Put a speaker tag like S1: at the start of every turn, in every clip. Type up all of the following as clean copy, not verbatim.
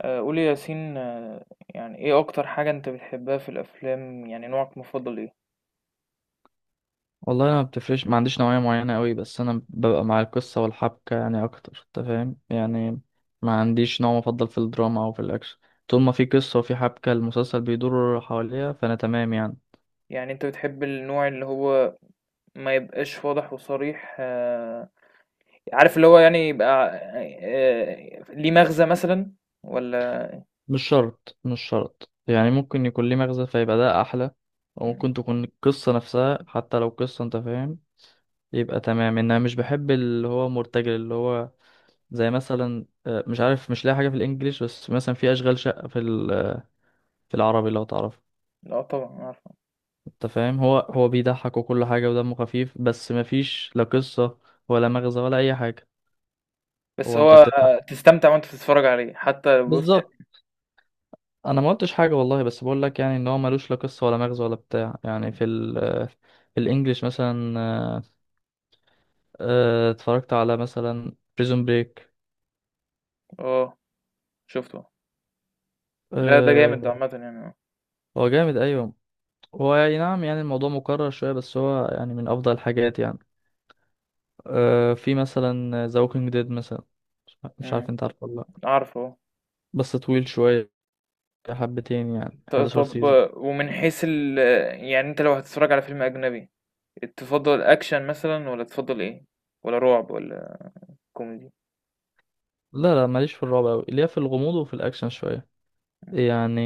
S1: قولي يا ياسين، يعني ايه اكتر حاجة انت بتحبها في الافلام؟ يعني نوعك المفضل ايه؟
S2: والله انا ما بتفرقش، ما عنديش نوعيه معينه قوي، بس انا ببقى مع القصه والحبكه يعني اكتر، انت فاهم يعني. ما عنديش نوع مفضل في الدراما او في الاكشن. طول ما في قصه وفي حبكه المسلسل بيدور حواليها، فانا تمام يعني.
S1: يعني انت بتحب النوع اللي هو ما يبقاش واضح وصريح، عارف؟ اللي هو يعني يبقى ليه مغزى مثلا، ولا...
S2: مش شرط يعني، ممكن يكون ليه مغزى فيبقى ده احلى، وممكن تكون القصه نفسها حتى لو قصه، انت فاهم، يبقى تمام. ان انا مش بحب اللي هو مرتجل، اللي هو زي مثلا مش عارف، مش لاقي حاجه في الانجليش، بس مثلا في اشغال شقه في العربي لو تعرف.
S1: لا طبعا عارفه.
S2: انت فاهم، هو بيضحك وكل حاجة ودمه خفيف، بس مفيش لا قصة ولا مغزى ولا أي حاجة.
S1: بس
S2: هو
S1: هو
S2: أنت بتضحك.
S1: تستمتع وانت بتتفرج عليه حتى لو، بص
S2: بالظبط.
S1: يعني.
S2: أنا ما قلتش حاجة والله، بس بقول لك يعني إن هو ملوش لا قصة ولا مغزى ولا بتاع يعني. في ال، في الإنجليش مثلا اتفرجت على مثلا بريزون بريك.
S1: اه، شفته. لا، ده جامد، ده عامة يعني، اه.
S2: هو جامد، أيوه. هو يعني، نعم يعني الموضوع مكرر شوية، بس هو يعني من أفضل الحاجات يعني. في مثلا ذا ووكينج ديد مثلا. مش عارف
S1: مم،
S2: أنت عارفه ولا لأ.
S1: عارفه.
S2: بس طويل شوية، حبتين يعني، 11
S1: طب،
S2: سيزون.
S1: ومن حيث ال... يعني انت لو هتتفرج على فيلم اجنبي، تفضل اكشن مثلا ولا تفضل ايه؟ ولا رعب ولا كوميدي؟
S2: لا لا، ماليش في الرعب أوي، ليا في الغموض وفي الأكشن شوية
S1: مم.
S2: يعني.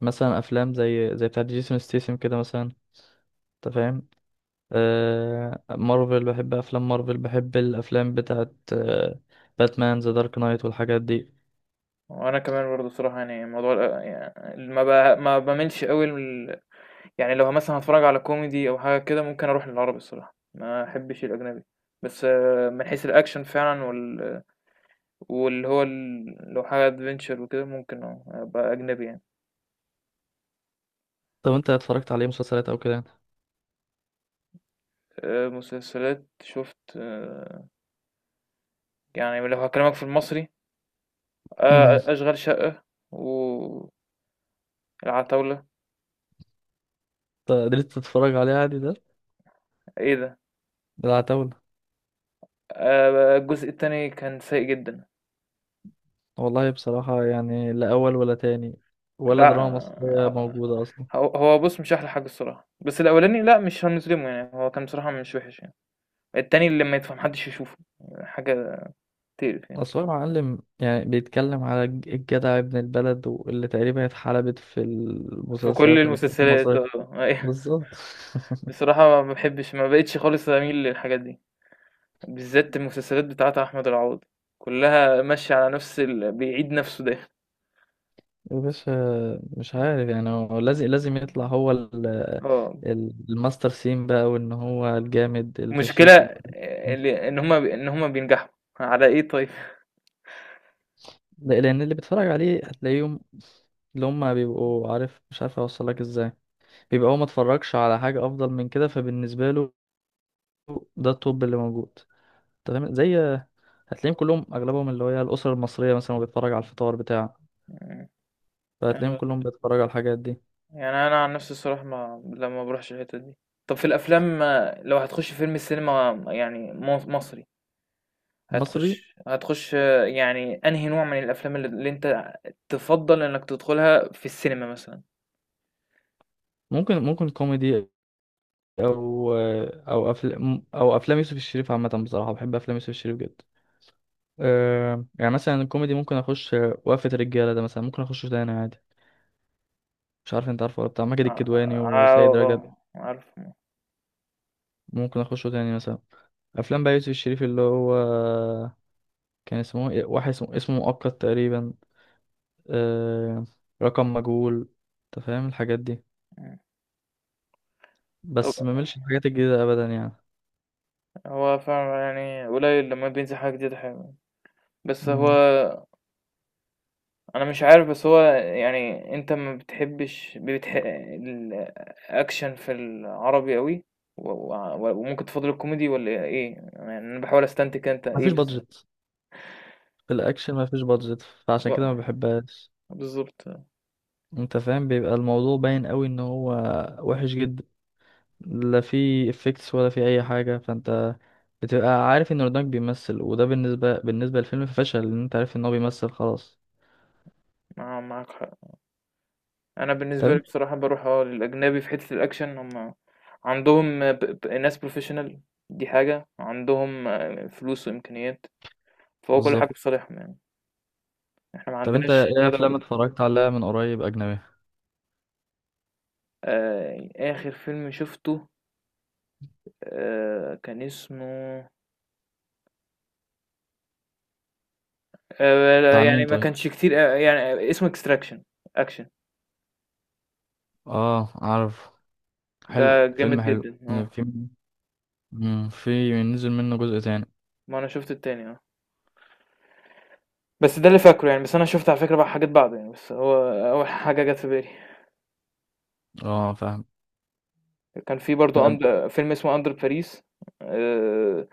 S2: مثلا أفلام زي بتاعت جيسون ستيسم كده مثلا، أنت فاهم. مارفل، بحب أفلام مارفل، بحب الأفلام بتاعت باتمان ذا دارك نايت والحاجات دي.
S1: وانا كمان برضه بصراحه، يعني موضوع يعني ما بميلش قوي ال... يعني لو مثلا هتفرج على كوميدي او حاجه كده، ممكن اروح للعربي، الصراحه ما احبش الاجنبي. بس من حيث الاكشن فعلا وال... واللي هو ال... لو حاجه ادفنتشر وكده، ممكن ابقى اجنبي يعني.
S2: طب أنت اتفرجت عليه مسلسلات أو كده؟
S1: مسلسلات شفت، يعني لو هكلمك في المصري،
S2: أمم،
S1: أشغال شقة والعتاولة،
S2: قدرت تتفرج عليه عادي ده؟
S1: إيه ده!
S2: ده العتاولة.
S1: الجزء التاني كان سيء جدًا.
S2: والله بصراحة يعني لا أول ولا تاني، ولا
S1: لأ.
S2: دراما مصرية
S1: آه،
S2: موجودة أصلا.
S1: ه هو هو بُص، مش أحلى حاجة الصراحة، بس الأولاني لأ، مش هنظلمه يعني، هو كان بصراحة مش وحش يعني، التاني اللي ما يدفع ما حدش يشوفه، حاجة تقرف يعني.
S2: أصل هو معلم، يعني بيتكلم على الجدع ابن البلد، واللي تقريبا اتحلبت في
S1: في كل
S2: المسلسلات والأفلام
S1: المسلسلات،
S2: المصرية.
S1: أيوه.
S2: بالظبط.
S1: بصراحة ما باحبش، ما بقيتش خالص أميل للحاجات دي، بالذات المسلسلات بتاعة أحمد العوضي، كلها ماشية على نفس ال... بيعيد نفسه دايمًا.
S2: يا باشا، مش عارف يعني، هو لازم لازم يطلع هو
S1: آه.
S2: الماستر سين بقى، وإن هو الجامد
S1: المشكلة
S2: الفشيخ ال.
S1: اللي إن هما بينجحوا على إيه طيب؟
S2: لأن اللي بيتفرج عليه هتلاقيهم، اللي هما بيبقوا، عارف، مش عارف أوصلك إزاي، بيبقى هو متفرجش على حاجة أفضل من كده، فبالنسبة له ده الطب اللي موجود. تمام، زي، هتلاقيهم كلهم اغلبهم اللي هي الاسر المصريه مثلا، وبيتفرج على الفطار بتاع،
S1: مم.
S2: فهتلاقيهم
S1: أنا-
S2: كلهم بيتفرج على الحاجات دي.
S1: يعني أنا عن نفسي الصراحة ما بروحش الحتة دي. طب في الأفلام، لو هتخش فيلم السينما يعني مصري،
S2: مصري؟
S1: هتخش يعني أنهي نوع من الأفلام اللي أنت تفضل إنك تدخلها في السينما مثلا؟
S2: ممكن، كوميدي، او او افلام او افلام يوسف الشريف عامه، بصراحه بحب افلام يوسف الشريف جدا. أه يعني مثلا الكوميدي ممكن اخش، وقفه الرجاله ده مثلا ممكن اخشه تاني عادي. مش عارف انت عارفه ولا بتاع ماجد
S1: ع-
S2: الكدواني وسيد رجب؟
S1: عارف.
S2: ممكن اخشه تاني مثلا. افلام بقى يوسف الشريف اللي هو كان اسمه إيه؟ واحد اسمه مؤقت تقريبا. أه. رقم مجهول. انت فاهم الحاجات دي.
S1: مم. طب
S2: بس ما ملش الحاجات الجديدة ابدا يعني.
S1: هو فعلا يعني قليل لما بينزل حاجة جديدة حلوة. بس
S2: مم.
S1: هو، انا مش عارف، بس هو يعني انت ما بتحبش الاكشن في العربي قوي، وممكن تفضل الكوميدي ولا ايه؟ يعني انا بحاول استنتج انت
S2: مفيش
S1: ايه بس...
S2: بادجت، في الاكشن مفيش بادجت، فعشان كده
S1: و-
S2: ما بحبهاش.
S1: بالظبط.
S2: انت فاهم، بيبقى الموضوع باين قوي ان هو وحش جدا. لا في افكتس ولا في اي حاجة، فانت بتبقى عارف ان رودانك بيمثل، وده بالنسبة للفيلم فشل، ان انت عارف ان هو بيمثل خلاص.
S1: معاك حق. انا
S2: طب
S1: بالنسبه لي
S2: انت.
S1: بصراحه بروح للاجنبي، في حته الاكشن هم عندهم ناس بروفيشنال، دي حاجه عندهم، فلوس وامكانيات، فهو كل حاجه في
S2: بالظبط.
S1: صالحهم يعني. احنا ما
S2: طب انت
S1: عندناش
S2: ايه
S1: لا ده ولا
S2: افلام
S1: ده.
S2: اتفرجت عليها من قريب اجنبية؟
S1: اخر فيلم شفته، كان اسمه...
S2: بتاع
S1: لا يعني
S2: مين
S1: ما
S2: طيب؟
S1: كانش كتير، يعني اسمه Extraction. أكشن.
S2: اه عارف،
S1: ده
S2: حلو،
S1: جامد
S2: فيلم حلو.
S1: جدًا،
S2: في، مم، في نزل منه جزء تاني.
S1: ما أنا شُفت التاني، بس ده اللي فاكره يعني، بس أنا شُفت على فكرة بقى حاجات بعده يعني، بس هو أول حاجة جات في بالي.
S2: اه فاهم.
S1: كان في برضه
S2: طب.
S1: أند فيلم اسمه Under Paris. آآ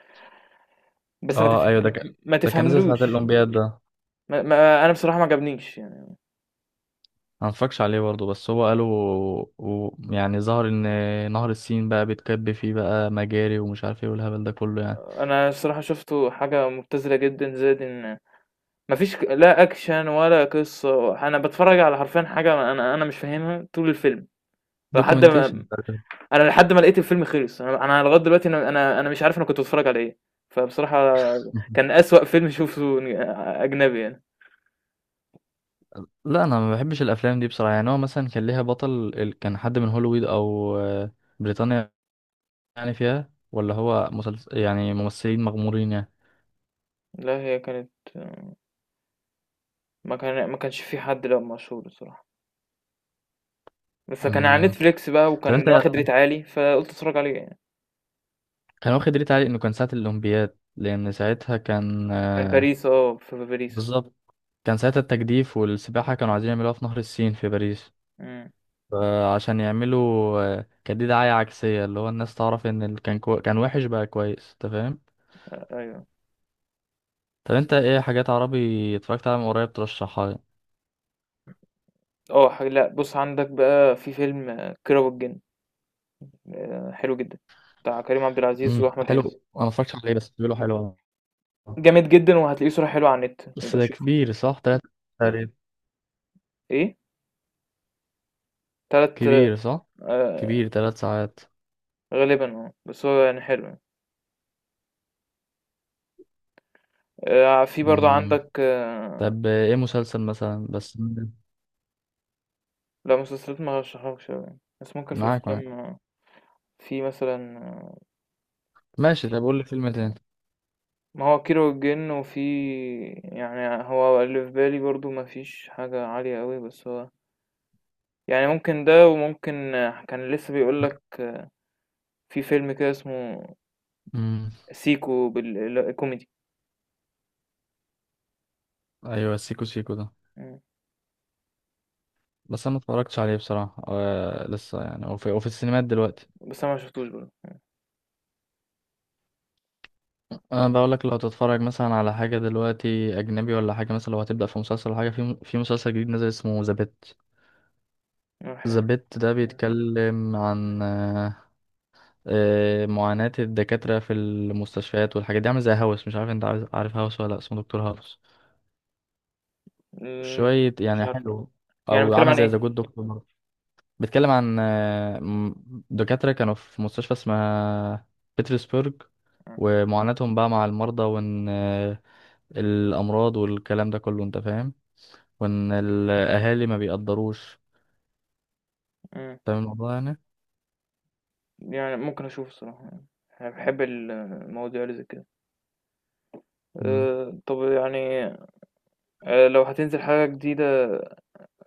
S1: بس
S2: اه ايوه، ده كان
S1: ما
S2: ده كان نزل ساعة
S1: تفهملوش،
S2: الأولمبياد ده.
S1: ما ما أنا بصراحة ما عجبنيش يعني.
S2: ما اتفرجش عليه برضه، بس هو قالوا. يعني ظهر ان نهر السين بقى بيتكب فيه بقى مجاري ومش عارف ايه والهبل ده كله يعني.
S1: أنا الصراحة شُفته حاجة مبتذلة جدًا، زائد إن ما فيش، لا أكشن ولا قصة، أنا باتفرج على حرفيًا حاجة أنا مش فاهمها طول الفيلم، لحد
S2: دوكيومنتيشن.
S1: ما لحد ما لقيت الفيلم خلص، أنا لغاية دلوقتي أنا مش عارف أنا كنت باتفرج على إيه، فبصراحة كان أسوأ فيلم شوفته، أجنبي يعني.
S2: لا انا ما بحبش الافلام دي بصراحه، يعني هو مثلا كان ليها بطل، كان حد من هوليوود او بريطانيا يعني فيها؟ ولا هو مسلسل يعني ممثلين مغمورين يعني؟
S1: لأ هي كانت، ما كانش في حد، لأ، مشهور الصراحة، بس كان على
S2: مم.
S1: Netflix بقى
S2: طب انت،
S1: وكان واخد ريت عالي، فقُلت أتفرج عليه يعني.
S2: كان واخد ريت عالي انه كان ساعه الاولمبياد، لان ساعتها كان،
S1: كان باريس، في باريس.
S2: بالظبط، كان ساعتها التجديف والسباحة كانوا عايزين يعملوها في نهر السين في باريس،
S1: إمم.
S2: فعشان يعملوا كان دي دعاية عكسية، اللي هو الناس تعرف ان اللي كان كان وحش، بقى كويس، انت فاهم.
S1: أيوه.
S2: طب انت ايه حاجات عربي اتفرجت عليها من قريب ترشحها لي؟
S1: آه ح لأ، بُص، عندك بقى في فيلم، كيرة والجن، حلو جدًا، بتاع كريم عبد العزيز وأحمد
S2: حلو،
S1: عز.
S2: انا ما اتفرجتش عليه بس بيقولوا حلو.
S1: جامد جدًا وهتلاقيه صورة حلوة على النت،
S2: بس
S1: يبقى
S2: ده
S1: شوفه.
S2: كبير، صح، تلات تقريبا.
S1: إيه؟ 3.
S2: كبير صح، كبير
S1: آآ
S2: تلات ساعات.
S1: غالبًا، بس هو يعني حلو يعني. في برضه
S2: امم.
S1: عندك،
S2: طب ايه مسلسل مثلا، بس.
S1: لأ، مسلسلات ما هارشحهالكش أوي يعني، بس ممكن في
S2: معاك معاك.
S1: الأفلام، في مثلًا،
S2: ماشي، طب قول لي فيلم تاني.
S1: ما هو كيرة والجن، وفي... يعني هو اللي في بالي برضه ما فيش حاجة عالية أوي، بس هو يعني ممكن ده وممكن، كان لسه بيقول لك، في فيلم كده اسمه
S2: امم.
S1: سيكو، بال كوميدي.
S2: ايوه سيكو، سيكو ده،
S1: إمم.
S2: بس انا ما اتفرجتش عليه بصراحه، لسه يعني. وفي السينمات دلوقتي.
S1: بس أنا ما شفتوش برضه.
S2: انا بقول لك، لو تتفرج مثلا على حاجه دلوقتي اجنبي ولا حاجه، مثلا لو هتبدا في مسلسل ولا حاجه، في مسلسل جديد نزل اسمه ذا بيت.
S1: إمم.
S2: ذا بيت ده بيتكلم عن معاناة الدكاترة في المستشفيات والحاجات دي، عامل زي هاوس، مش عارف انت عارف هاوس ولا لأ، اسمه دكتور هاوس، شوية
S1: مش
S2: يعني
S1: عارفه لأ.
S2: حلو.
S1: يعني
S2: او
S1: بيتكلم
S2: عامل
S1: عن
S2: زي ذا
S1: إيه؟
S2: جود دكتور. بيتكلم عن دكاترة كانوا في مستشفى اسمها بيترسبرج،
S1: إمم.
S2: ومعاناتهم بقى مع المرضى، وإن الأمراض والكلام ده كله أنت فاهم، وإن الأهالي ما بيقدروش،
S1: إمم.
S2: فاهم الموضوع يعني.
S1: يعني ممكن أشوف الصراحة يعني، أنا باحب المواضيع اللي زي كده.
S2: مم.
S1: طب يعني، لو هتنزل حاجة جديدة،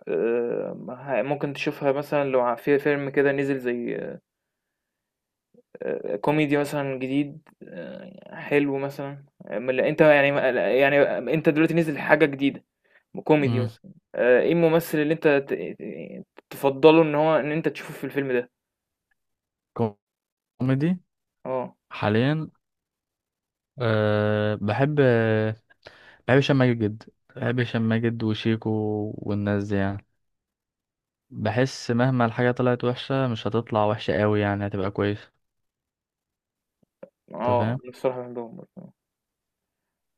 S1: ه ممكن تشوفها مثلًا، لو في فيلم كده نزل زي، كوميدي مثلًا جديد، حلو مثلًا، من ال... أنت يعني ما يعني، أنت دلوقتي نزل حاجة جديدة كوميدي
S2: مم.
S1: مثلًا، إيه الممثل اللي أنت ت ت تفضّله، إن أنت تشوفه في الفيلم ده؟
S2: كوميدي
S1: آه.
S2: حاليا، أه بحب هشام ماجد جدا، بحب هشام ماجد وشيكو والناس دي يعني. بحس مهما الحاجة طلعت وحشة مش هتطلع وحشة قوي يعني، هتبقى كويسة. أنت فاهم؟
S1: أنا الصراحة باحبهم برضه،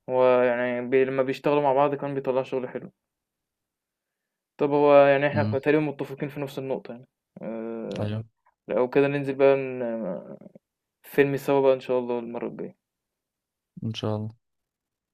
S1: هو يعني لمّا بيشتغلوا مع بعض كمان بيطلّعوا شغل حلو. طب هو يعني إحنا
S2: مم.
S1: كنا تقريبا متفقين في نفس النقطة يعني، آه،
S2: أيوه،
S1: لو كده ننزل بقى، فيلم سوا بقى إن شاء الله المرة الجاية.
S2: إن شاء الله.